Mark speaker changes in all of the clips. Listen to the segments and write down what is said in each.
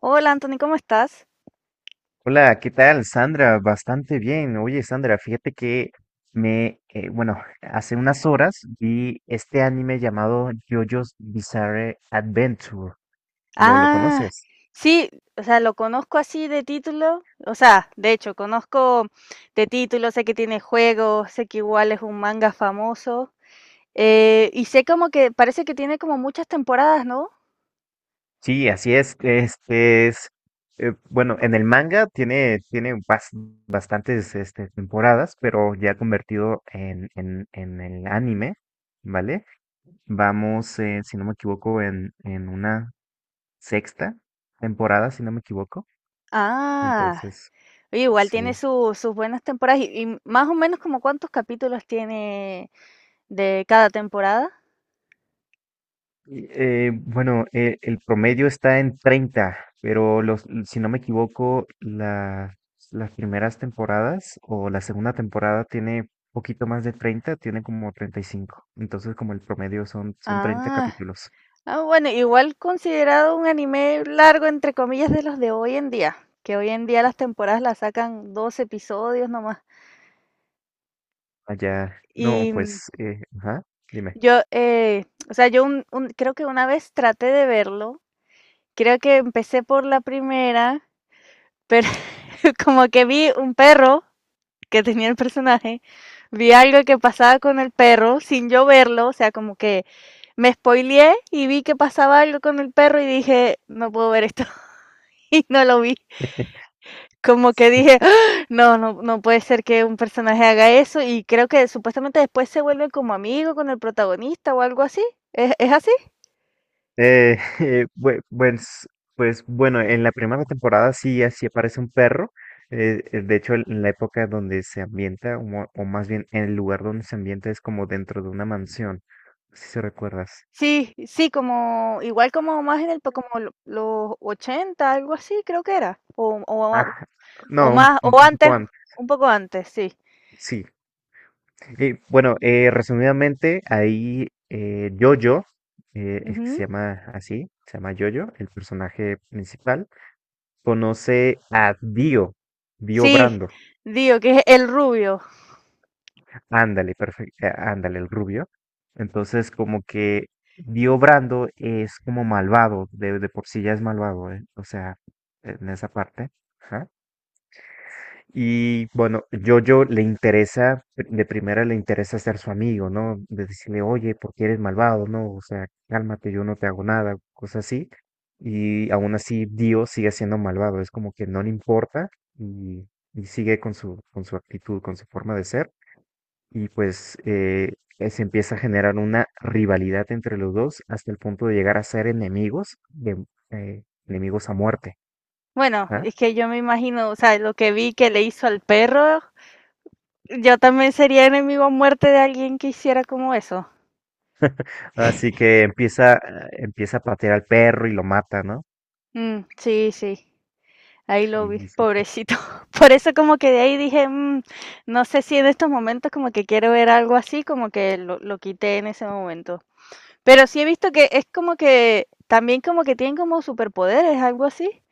Speaker 1: Hola Anthony, ¿cómo estás?
Speaker 2: Hola, ¿qué tal, Sandra? Bastante bien. Oye, Sandra, fíjate que bueno, hace unas horas vi este anime llamado JoJo's Bizarre Adventure. ¿Lo
Speaker 1: Ah,
Speaker 2: conoces?
Speaker 1: sí, o sea, lo conozco así de título, o sea, de hecho, conozco de título, sé que tiene juegos, sé que igual es un manga famoso, y sé como que parece que tiene como muchas temporadas, ¿no?
Speaker 2: Sí, así es. Bueno, en el manga tiene bastantes temporadas, pero ya convertido en el anime, ¿vale? Vamos, si no me equivoco, en una sexta temporada, si no me equivoco.
Speaker 1: Ah,
Speaker 2: Entonces,
Speaker 1: oye, igual tiene
Speaker 2: sí.
Speaker 1: sus buenas temporadas, y más o menos como cuántos capítulos tiene de cada temporada.
Speaker 2: Y, bueno, el promedio está en 30, pero si no me equivoco, las primeras temporadas o la segunda temporada tiene poquito más de 30, tiene como 35. Entonces, como el promedio son 30
Speaker 1: Ah.
Speaker 2: capítulos.
Speaker 1: Ah, bueno, igual considerado un anime largo, entre comillas, de los de hoy en día, que hoy en día las temporadas las sacan dos episodios nomás.
Speaker 2: Allá, no,
Speaker 1: Y
Speaker 2: pues, ajá, dime.
Speaker 1: yo, o sea, yo creo que una vez traté de verlo, creo que empecé por la primera, pero como que vi un perro que tenía el personaje, vi algo que pasaba con el perro sin yo verlo, o sea, como que me spoileé y vi que pasaba algo con el perro y dije, no puedo ver esto y no lo vi. Como que dije, "Ah, no, no, no puede ser que un personaje haga eso y creo que supuestamente después se vuelve como amigo con el protagonista o algo así. ¿Es así?
Speaker 2: Eh, bue- pues, pues bueno, en la primera temporada sí, así aparece un perro. De hecho, en la época donde se ambienta, o más bien en el lugar donde se ambienta es como dentro de una mansión, si se recuerdas.
Speaker 1: Sí, sí, como igual como más en el como los 80, algo así creo que era
Speaker 2: Ah, no,
Speaker 1: o
Speaker 2: un,
Speaker 1: más o
Speaker 2: un
Speaker 1: antes,
Speaker 2: poco antes,
Speaker 1: un poco antes, sí.
Speaker 2: sí. Y bueno, resumidamente, ahí Jojo, es que se
Speaker 1: Ujú.
Speaker 2: llama así, se llama Jojo, el personaje principal, conoce a Dio, Dio
Speaker 1: Sí,
Speaker 2: Brando.
Speaker 1: digo que es el rubio.
Speaker 2: Ándale, perfecto, ándale, el rubio. Entonces, como que Dio Brando es como malvado, de por sí ya es malvado, ¿eh? O sea, en esa parte. Ajá. Y bueno, Jojo le interesa, de primera le interesa ser su amigo, ¿no? De decirle, oye, ¿por qué eres malvado? ¿No? O sea, cálmate, yo no te hago nada, cosas así. Y aún así, Dio sigue siendo malvado, es como que no le importa y, y sigue con su actitud, con su forma de ser y pues se empieza a generar una rivalidad entre los dos hasta el punto de llegar a ser enemigos, enemigos a muerte.
Speaker 1: Bueno,
Speaker 2: ¿Ah?
Speaker 1: es que yo me imagino, o sea, lo que vi que le hizo al perro, yo también sería enemigo a muerte de alguien que hiciera como eso.
Speaker 2: Así que empieza a patear al perro y lo mata, ¿no?
Speaker 1: Mm, sí, sí, ahí lo vi,
Speaker 2: Y sí.
Speaker 1: pobrecito. Por eso como que de ahí dije, "Mm, no sé si en estos momentos como que quiero ver algo así, como que lo quité en ese momento. Pero sí he visto que es como que también como que tienen como superpoderes, algo así.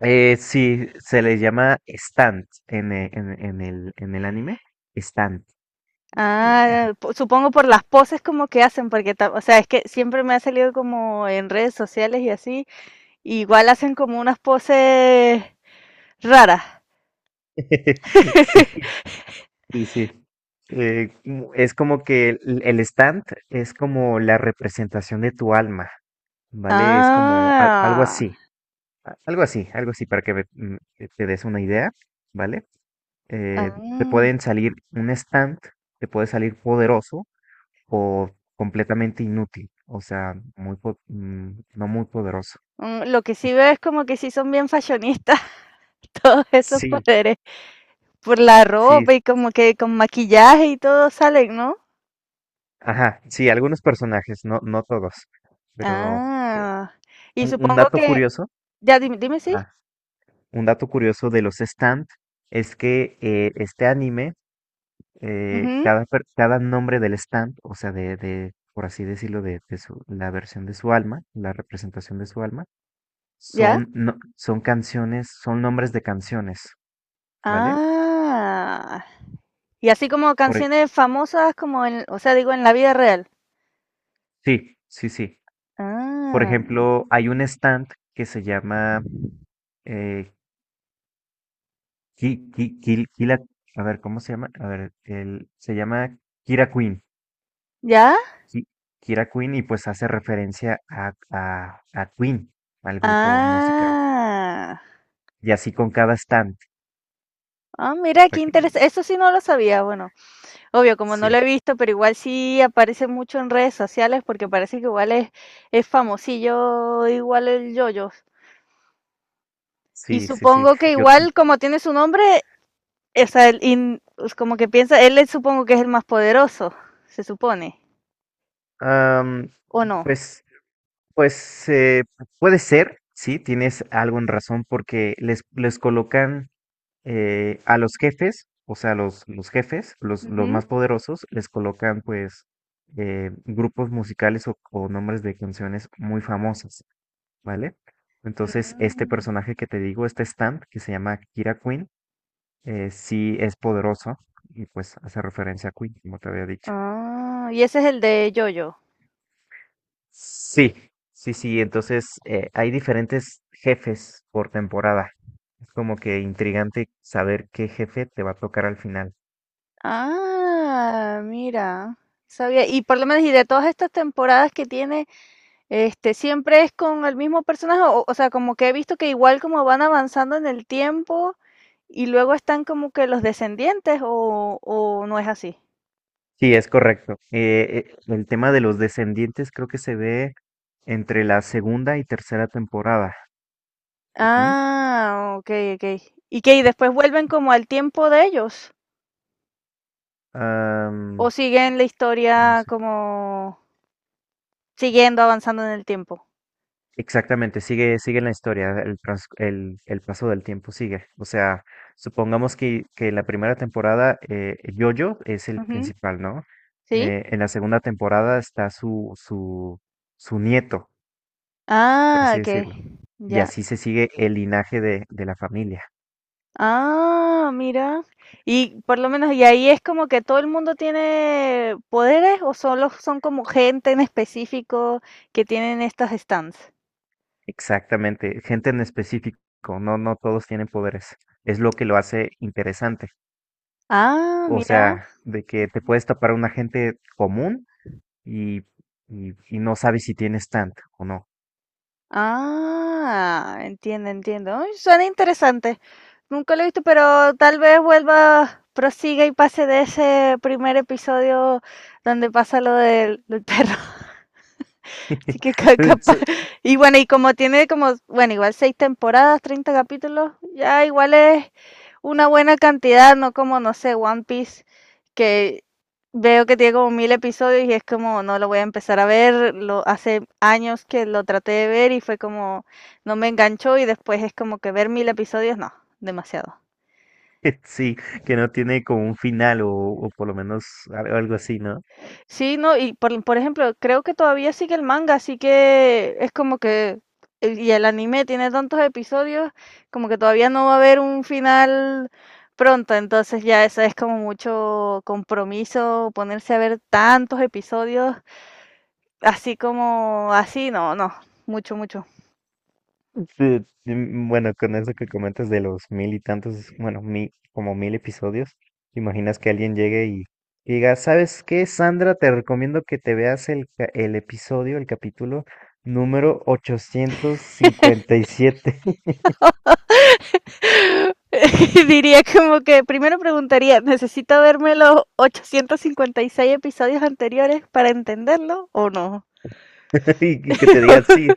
Speaker 2: Sí, se le llama stand en, e- en- en el anime, stand. Ajá.
Speaker 1: Ah, supongo por las poses como que hacen, porque, o sea, es que siempre me ha salido como en redes sociales y así, igual hacen como unas poses raras.
Speaker 2: Sí, sí, sí. Es como que el stand es como la representación de tu alma, ¿vale? Es como algo
Speaker 1: Ah,
Speaker 2: así, algo así, algo así, para que te des una idea, ¿vale? Te
Speaker 1: ah.
Speaker 2: pueden salir un stand, te puede salir poderoso o completamente inútil, o sea, no muy poderoso.
Speaker 1: Lo que sí veo es como que sí son bien fashionistas todos esos
Speaker 2: Sí,
Speaker 1: poderes, por la
Speaker 2: sí,
Speaker 1: ropa y como que con maquillaje y todo salen, ¿no?
Speaker 2: ajá, sí, algunos personajes, no todos, pero
Speaker 1: Ah, y
Speaker 2: un
Speaker 1: supongo
Speaker 2: dato
Speaker 1: que,
Speaker 2: curioso.
Speaker 1: ya dime, dime sí,
Speaker 2: ah, un dato curioso de los stand es que este anime,
Speaker 1: ujú,
Speaker 2: cada nombre del stand, o sea, de, por así decirlo, la versión de su alma, la representación de su alma,
Speaker 1: ya,
Speaker 2: son, no- son canciones, son nombres de canciones, ¿vale?
Speaker 1: ah, y así como
Speaker 2: Por e-
Speaker 1: canciones famosas como en, o sea, digo en la vida real.
Speaker 2: sí, sí, sí. Por
Speaker 1: Ah,
Speaker 2: ejemplo, hay un stand que se llama eh, Ki- Ki- Kil- Kila- a ver, ¿cómo se llama? A ver, se llama Kira Queen.
Speaker 1: ya,
Speaker 2: Ki- Kira Queen y pues hace referencia a Queen, al grupo musical.
Speaker 1: ah,
Speaker 2: Y así con cada stand.
Speaker 1: ah, mira, qué
Speaker 2: para que-
Speaker 1: interesante, eso sí no lo sabía, bueno. Obvio, como no lo
Speaker 2: sí,
Speaker 1: he visto, pero igual sí aparece mucho en redes sociales porque parece que igual es famosillo, igual el yoyo. Y
Speaker 2: sí, sí, sí.
Speaker 1: supongo que
Speaker 2: Yo,
Speaker 1: igual como tiene su nombre, o sea, el in- es como que piensa, él supongo que es el más poderoso, se supone,
Speaker 2: am,
Speaker 1: ¿o no?
Speaker 2: pues, pues, puede ser, sí, tienes algo en razón porque les colocan a los jefes, o sea, los jefes, los
Speaker 1: Ujú.
Speaker 2: más poderosos, les colocan pues grupos musicales o nombres de canciones muy famosas. ¿Vale? Entonces, este
Speaker 1: Mm.
Speaker 2: personaje que te digo, este Stamp, que se llama Kira Queen, sí es poderoso y pues hace referencia a Queen, como te había dicho.
Speaker 1: Ah, y ese es el de yoyo.
Speaker 2: Sí, sí, sí. Entonces, hay diferentes jefes por temporada. Es como que intrigante saber qué jefe te va a tocar al final.
Speaker 1: Ah, mira, sabía. Y por lo menos, y de todas estas temporadas que tiene… Este, ¿siempre es con el mismo personaje? O sea, como que he visto que igual como van avanzando en el tiempo y luego están como que los descendientes o no es así.
Speaker 2: Sí, es correcto. El tema de los descendientes creo que se ve entre la segunda y tercera temporada. Ujú.
Speaker 1: Ah, okey, okey. ¿Y qué? ¿Y después vuelven como al tiempo de ellos? ¿O
Speaker 2: Am,
Speaker 1: siguen la
Speaker 2: no.
Speaker 1: historia como siguiendo avanzando en el tiempo?
Speaker 2: Exactamente, sigue la historia, el paso del tiempo sigue. O sea, supongamos que en la primera temporada Yoyo es el
Speaker 1: Ujú,
Speaker 2: principal, ¿no?
Speaker 1: ¿sí?
Speaker 2: En la segunda temporada está su nieto, por
Speaker 1: Ah,
Speaker 2: así
Speaker 1: okey,
Speaker 2: decirlo. Y
Speaker 1: ya.
Speaker 2: así se sigue el linaje de la familia.
Speaker 1: Ah, mira. Y por lo menos, y ahí es como que todo el mundo tiene poderes o solo son como gente en específico que tienen estas stands.
Speaker 2: Exactamente, gente en específico, no todos tienen poderes. Es lo que lo hace interesante.
Speaker 1: Ah,
Speaker 2: O
Speaker 1: mira.
Speaker 2: sea, de que te puedes tapar a una gente común y, y no sabes si tienes tanto o no.
Speaker 1: Ah, entiendo, entiendo. Ay, suena interesante. Nunca lo he visto, pero tal vez vuelva, prosiga y pase de ese primer episodio donde pasa lo del perro. Así que capaz. Y bueno, y como tiene como, bueno, igual seis temporadas, 30 capítulos, ya igual es una buena cantidad, no como, no sé, One Piece, que veo que tiene como 1000 episodios y es como, no lo voy a empezar a ver, lo, hace años que lo traté de ver y fue como, no me enganchó y después es como que ver 1000 episodios, no, demasiado.
Speaker 2: Sí, sí, que no tiene como un final o por lo menos algo así, ¿no?
Speaker 1: Sí, no, y por ejemplo, creo que todavía sigue el manga, así que es como que, y el anime tiene tantos episodios, como que todavía no va a haber un final pronto, entonces ya eso es como mucho compromiso, ponerse a ver tantos episodios, así como así, no, no, mucho, mucho.
Speaker 2: Sí, sí, bueno, con eso que comentas de los mil y tantos, bueno, como mil episodios, ¿te imaginas que alguien llegue y diga, ¿sabes qué, Sandra? Te recomiendo que te veas el episodio, el capítulo número 857 y,
Speaker 1: Diría como que primero preguntaría, ¿necesito verme los 856 episodios anteriores para entenderlo o no?
Speaker 2: siete. Y que te diga, sí,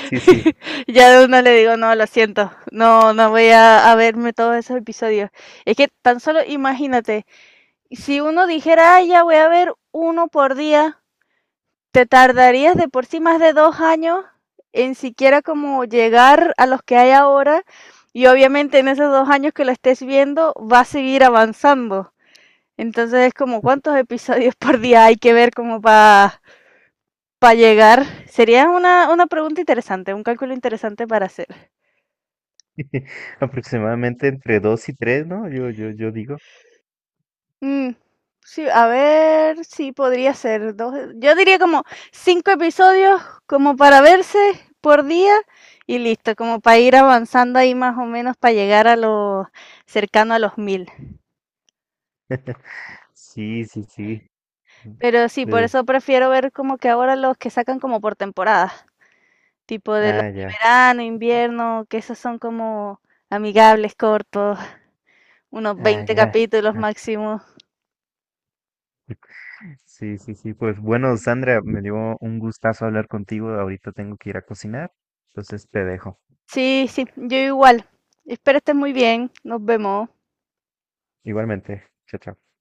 Speaker 2: sí, sí.
Speaker 1: Ya de una le digo, no, lo siento, no, no voy a verme todos esos episodios. Es que tan solo imagínate, si uno dijera, "Ay, ya voy a ver uno por día, te tardarías de por sí más de 2 años en siquiera como llegar a los que hay ahora y obviamente en esos 2 años que lo estés viendo va a seguir avanzando. Entonces es como cuántos episodios por día hay que ver como para llegar. Sería una pregunta interesante, un cálculo interesante para hacer.
Speaker 2: Aproximadamente entre dos y tres, ¿no? Yo digo.
Speaker 1: Mm, sí, a ver, sí, podría ser dos. Yo diría como cinco episodios como para verse por día y listo, como para ir avanzando ahí más o menos para llegar a los cercano a los 1000.
Speaker 2: Sí, sí, sí.
Speaker 1: Pero sí, por
Speaker 2: Eh,
Speaker 1: eso prefiero ver como que ahora los que sacan como por temporada, tipo de los
Speaker 2: ah,
Speaker 1: de
Speaker 2: ya,
Speaker 1: verano, invierno, que esos son como amigables, cortos, unos
Speaker 2: ah,
Speaker 1: 20
Speaker 2: ya.
Speaker 1: capítulos máximo.
Speaker 2: Sí, sí, sí. Pues bueno, Sandra, me dio un gustazo hablar contigo. Ahorita tengo que ir a cocinar. Entonces te dejo.
Speaker 1: Sí, sí, yo igual. Espero estés muy bien. Nos vemos.
Speaker 2: Igualmente. Chao, chao.